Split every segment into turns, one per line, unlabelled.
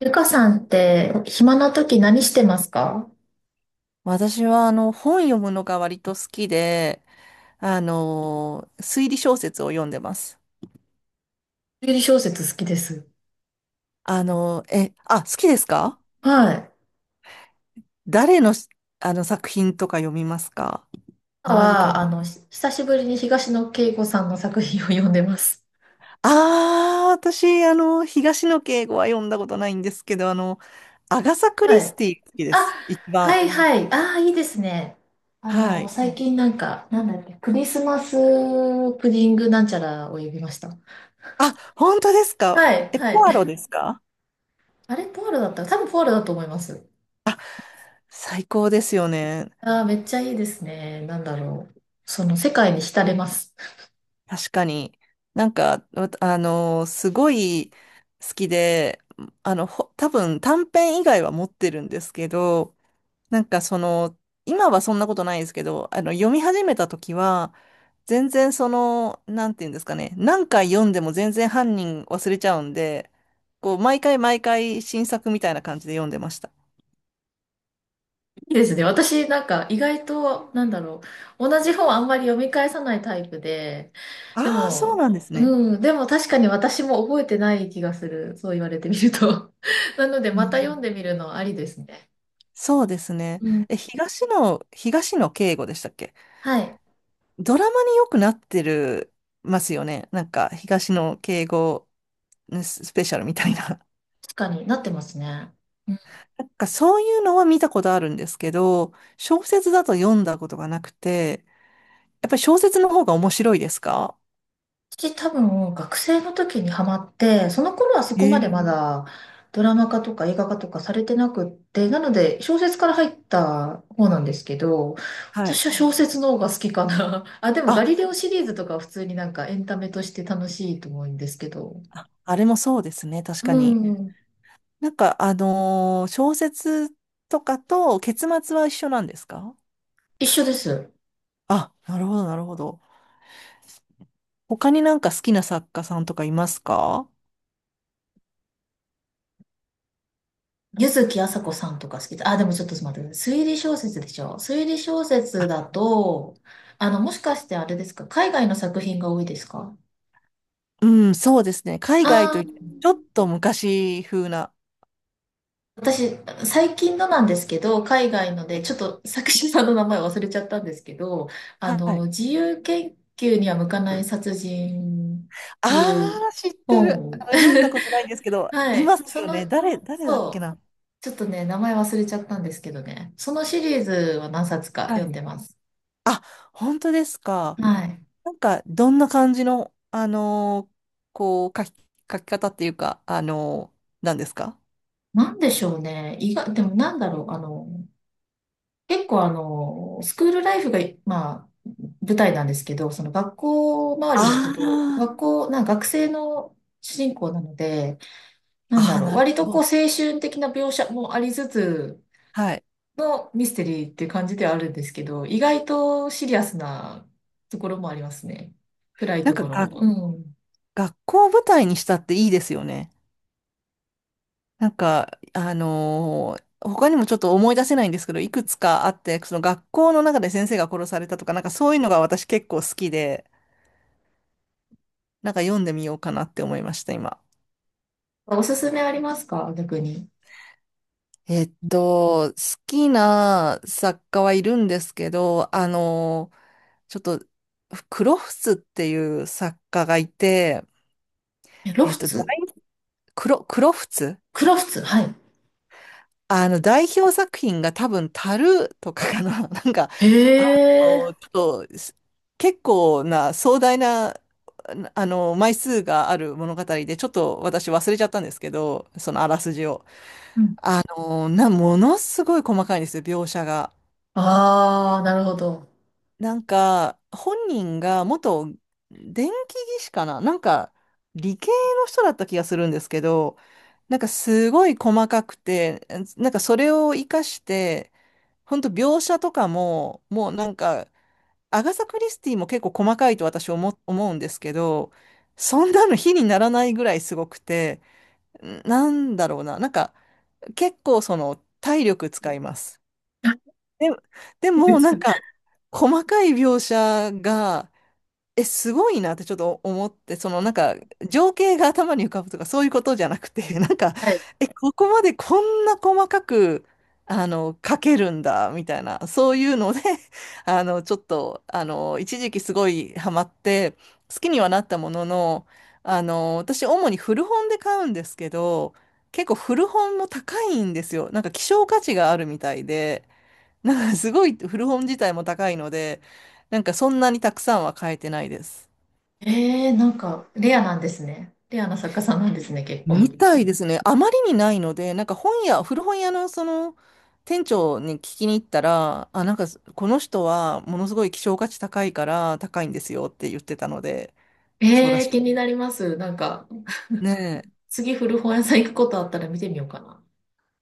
ゆかさんって暇な時何してますか？
私は本読むのが割と好きで、推理小説を読んでます。
推理小説好きです。
好きですか？
はい。
誰のし、あの作品とか読みますか？
今
同じか
は、
な。
久しぶりに東野圭吾さんの作品を読んでます。
ああ、私、東野圭吾は読んだことないんですけど、アガサ・ク
は
リス
い。
ティ好きで
あ、
す。一番。
はいはい。ああ、いいですね。あ
は
の、
い。
最近なんか、なんだっけ、クリスマスプディングなんちゃらを呼びました。
あ、本当ですか？
はい
え、
は
ポアロ
い。
ですか？
あれ、ポールだった、多分ポールだと思います。
最高ですよね。
ああ、めっちゃいいですね。なんだろう。その世界に浸れます。
確かに。なんか、わあのすごい好きで、多分短編以外は持ってるんですけど、なんか今はそんなことないですけど、読み始めた時は、全然なんていうんですかね、何回読んでも全然犯人忘れちゃうんで、こう、毎回毎回新作みたいな感じで読んでました。
いいですね。私、なんか、意外と、なんだろう。同じ本あんまり読み返さないタイプで、で
ああ、そう
も、
なんですね。
うん、でも確かに私も覚えてない気がする。そう言われてみると。なので、
う
また読
ん。
んでみるのありですね。
そうですね。
うん。
え、東野圭吾でしたっけ？
はい。
ドラマによくなってるますよね。なんか、東野敬吾スペシャルみたいな。
確かになってますね。うん。
なんか、そういうのは見たことあるんですけど、小説だと読んだことがなくて、やっぱり小説の方が面白いですか？
私多分学生の時にハマって、その頃はそこまで
え
ま
え。
だドラマ化とか映画化とかされてなくって、なので小説から入った方なんですけど、
はい。
私は小説の方が好きかな。あ、でも
あ、
ガリレオシリーズとかは普通になんかエンタメとして楽しいと思うんですけど。
あ、あれもそうですね、確か
う
に。
ん。
なんか、小説とかと結末は一緒なんですか？
一緒です。
あ、なるほど、なるほど。他になんか好きな作家さんとかいますか？
柚木麻子さんとか好きで、あ、でもちょっと待ってください。推理小説でしょ。推理小説だと、あの、もしかしてあれですか？海外の作品が多いですか？
うん、そうですね。海外
あ、
と
あ
いっても、
ー、
ちょっと昔風な。
私、最近のなんですけど、海外ので、ちょっと作者さんの名前忘れちゃったんですけど、あ
は
の、
い。
自由研究には向かない殺人っ
あ
ていう
あ、知ってる。
本。
読んだことないんですけど、
は
いま
い。
す
そ
よ
の、
ね。誰だっけ
そう。
な。
ちょっとね、名前忘れちゃったんですけどね。そのシリーズは何冊か
は
読ん
い。
でます。
あ、本当ですか。
はい。
なんか、どんな感じの、こう、書き方っていうか、なんですか？
なんでしょうね。意外、でもなんだろう。あの、結構あの、スクールライフが、まあ、舞台なんですけど、その学校周りのこ
あ
と、
あー、
学校、なんか学生の主人公なので、なんだ
あー、
ろう、
なる
割と
ほ
こう
ど。
青春的な描写もありつつ
はい。
のミステリーっていう感じではあるんですけど、意外とシリアスなところもありますね。暗い
なん
と
か
ころ
が、
も。うん。
学校を舞台にしたっていいですよね。なんか、他にもちょっと思い出せないんですけど、いくつかあって、その学校の中で先生が殺されたとか、なんかそういうのが私結構好きで、なんか読んでみようかなって思いました、今。
おすすめありますか、逆に？
好きな作家はいるんですけど、ちょっと、クロフツっていう作家がいて、
えロ
えっ
フ
と、大
ツ、
クロ、クロフツ。
クロフツ、はい。
代表作品が多分、タルーとかかな。なんか、
へ
あ
え。
ちょっと、結構な壮大な、枚数がある物語で、ちょっと私忘れちゃったんですけど、そのあらすじを。
うん。
ものすごい細かいんですよ、描写が。
ああ、なるほど。
なんか、本人が元電気技師かな、なんか、理系の人だった気がするんですけど、なんかすごい細かくて、なんかそれを活かして、本当描写とかも、もうなんか、アガサ・クリスティも結構細かいと私思うんですけど、そんなの比にならないぐらいすごくて、なんだろうな、なんか結構その体力使います。で、で も
別
な
か、
んか細かい描写がすごいなってちょっと思って、そのなんか情景が頭に浮かぶとかそういうことじゃなくて、なんか、
はい。
ここまでこんな細かく、書けるんだ、みたいな、そういうので、ちょっと、一時期すごいハマって、好きにはなったものの、私主に古本で買うんですけど、結構古本も高いんですよ。なんか希少価値があるみたいで、なんかすごい古本自体も高いので、なんかそんなにたくさんは買えてないです。
えー、なんか、レアなんですね。レアな作家さんなんですね、結
う
構。
ん。みたいですね。あまりにないので、なんか本屋、古本屋のその店長に聞きに行ったら、あ、なんかこの人はものすごい希少価値高いから高いんですよって言ってたので、そうら
え
し
ー、
い。
気になります。なんか、
ね
次古本屋さん行くことあったら見てみようかな。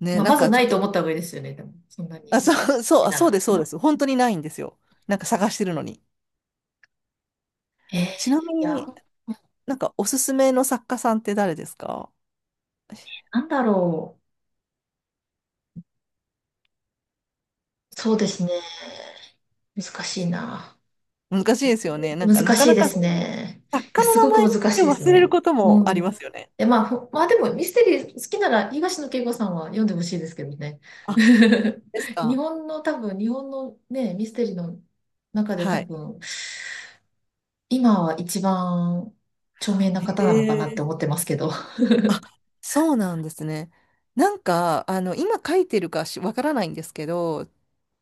え、ねえ、
まあ、
なん
まず
かち
な
ょっ
いと思っ
と、
た方がいいですよね、でも、そんな
あ、
に。
そう、そう、あ、
な
そうで
ら。
す、そうです。本当にないんですよ。なんか探してるのに。
えー、い
ちなみ
や、
に、なんかおすすめの作家さんって誰ですか？
なんだろう。そうですね。難しいな。
難しいですよね。なんかな
難
か
しい
な
で
か
すね。
作
いや、
家の
す
名
ごく
前っ
難し
て
いです
忘れる
ね。
こともあ
う
りま
ん。
すよね。
で、まあ、まあでもミステリー好きなら東野圭吾さんは読んでほしいですけどね。
あ、です
日
か。
本の多分、日本のね、ミステリーの中で多
はい。
分、今は一番著名な
へ
方なのかなって
え。
思ってますけど。あ
あ、そうなんですね。なんか、今書いてるかしわからないんですけど、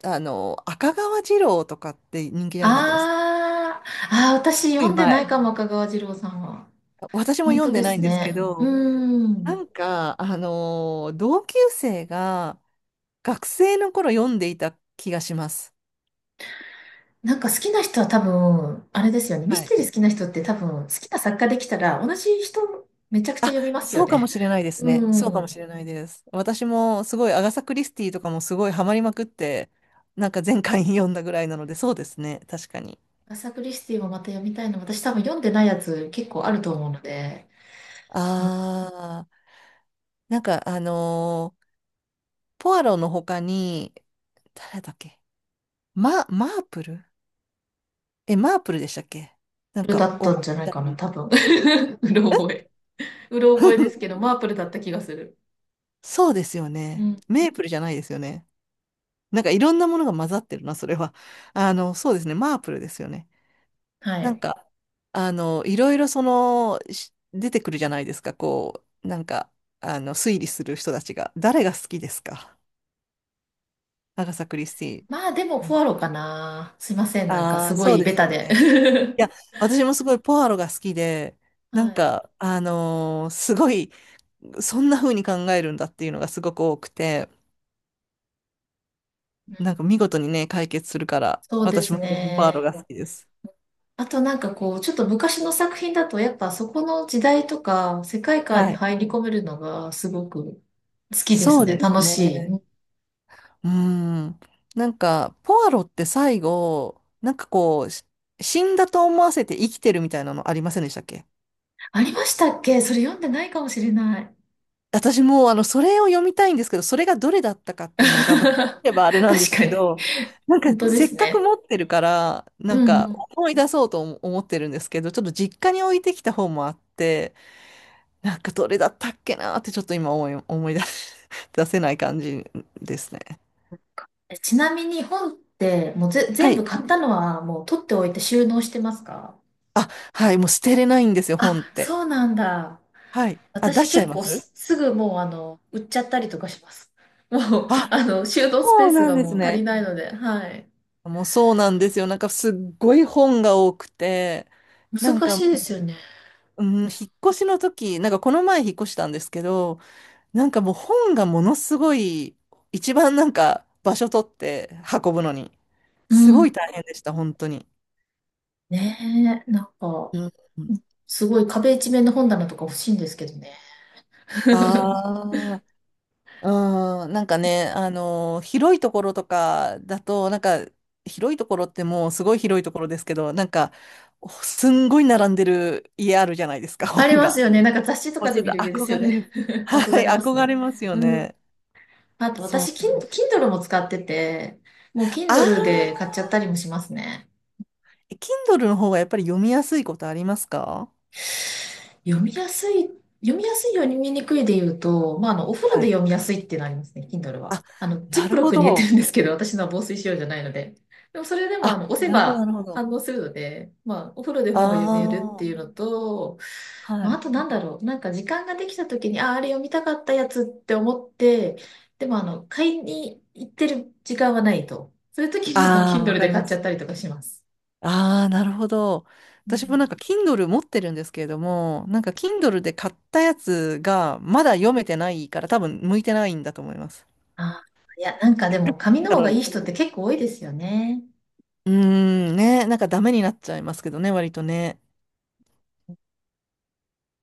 赤川次郎とかって人気じゃなかったです。す
あ、ああ、私
ごい
読んでない
前。
かも、赤川次郎さんは。
私も
本
読ん
当
で
で
ない
す
んですけ
ね。
ど、
う
な
ん。
んか、同級生が学生の頃読んでいた気がします。
なんか好きな人は多分、あれですよね。ミ
は
ス
い。
テリー好きな人って多分、好きな作家できたら、同じ人めちゃくちゃ読みますよ
そうかも
ね。
しれないです
う
ね。そうかもし
ん。
れないです。私もすごいアガサ・クリスティとかもすごいハマりまくって、なんか前回読んだぐらいなので、そうですね。確かに。
アサクリスティもまた読みたいの。私多分読んでないやつ結構あると思うので、うん。
あー、なんかポアロの他に、誰だっけ？マープル。え、マープルでしたっけ？なん
プル
か、
だっ
お
た
ば
んじゃ
あ
ない
ち
か
ゃ
な、
ん。
多分。うろ覚え。うろ覚えですけ ど、マープルだった気がする。
そうですよ
う
ね。
ん。
メープルじゃないですよね。なんかいろんなものが混ざってるな、それは。そうですね。マープルですよね。
は
なん
い。
か、いろいろ出てくるじゃないですか、こう、なんか、推理する人たちが。誰が好きですか？アガサ・クリスティー
まあでも、
ン。
ポアロかな。すいません。なんか
あ
す
あ、
ご
そう
い
で
ベ
すよ
タで。
ね。い や、私もすごいポアロが好きで、な
は
ん
い。
か、すごい、そんな風に考えるんだっていうのがすごく多くて、なんか見事にね、解決するから、
そうで
私
す
もポアロ
ね。
が好きです。
あとなんかこう、ちょっと昔の作品だと、やっぱそこの時代とか世界観
は
に
い。
入り込めるのがすごく好きで
そ
す
う
ね。
です
楽し
ね。
い。
うーん。なんか、ポアロって最後、なんかこう、死んだと思わせて生きてるみたいなのありませんでしたっけ？
ありましたっけ？それ読んでないかもしれない。
私もう、それを読みたいんですけど、それがどれだったかっていう のが、まあ聞けばあれなんで
確
す
か
け
に。
ど、なんか、
本当で
せっ
す
かく
ね。
持ってるから、な
う
ん
んう
か、
ん。
思い出そうと思ってるんですけど、ちょっと実家に置いてきた本もあって、なんか、どれだったっけなーって、ちょっと今思い出し 出せない感じですね。
ちなみに本ってもう
は
全部
い。
買ったのはもう取っておいて収納してますか？
あ、はい、もう捨てれないんですよ、
あ、
本っ
そ
て。
うなんだ。
はい。あ、出
私
しちゃい
結
ま
構
す？
すぐもうあの、売っちゃったりとかします。もう、
あ、
あの、収納スペー
そう
ス
なん
が
です
もう足り
ね。
ないので、はい。
もうそうなんですよ。なんかすっごい本が多くて、なん
難
か、
しいですよね。
うん、引っ越しの時、なんかこの前引っ越したんですけど、なんかもう本がものすごい、一番なんか場所取って運ぶのに、
う
すご
ん。
い大変でした、本当に。
ねえ、なんか、
うん。
すごい壁一面の本棚とか欲しいんですけどね。
あうん、なんかね、広いところとかだと、なんか、広いところってもうすごい広いところですけど、なんか、すんごい並んでる家あるじゃないですか、
あり
本
ます
が。
よね。なんか雑誌と
もう
かで
ちょっ
見
と
る家です
憧
よ
れ
ね。
る。
憧
はい、
れます
憧れ
ね。
ますよ
うん。
ね。
あと
そ
私、
う。
Kindle も使ってて、もう Kindle で
あ
買っちゃったりもしますね。
ー、Kindle の方がやっぱり読みやすいことありますか？
読みやすい、読みやすい読みにくいで言うと、まあ、あの、お風呂
は
で
い。
読みやすいっていうのありますね、Kindle は。
あ、
あの、ジ
な
ップ
る
ロッ
ほ
クに入れてる
ど。
んですけど、私のは防水仕様じゃないので。でも、それでも、あ
あ、
の、押せ
なるほど、
ば
なるほ
反
ど。
応するので、まあ、お風呂で
あ
本が読めるってい
あ、
うのと、ま
は
あ、あ
い。
となんだろう、なんか時間ができた時に、あ、あれ読みたかったやつって思って、でも、あの、買いに行ってる時間はないと。そういう時にはもう
ああ、わ
Kindle
か
で
り
買っ
ま
ちゃっ
す。
たりとかします。
ああ、なるほど。
う
私もなん
ん。
か Kindle 持ってるんですけれども、なんか Kindle で買ったやつがまだ読めてないから多分向いてないんだと思います。
あー、いや、なんかでも髪の
な
方
の
がい
に。
い人って結構多いですよね。
うーん、ね、なんかダメになっちゃいますけどね、割とね。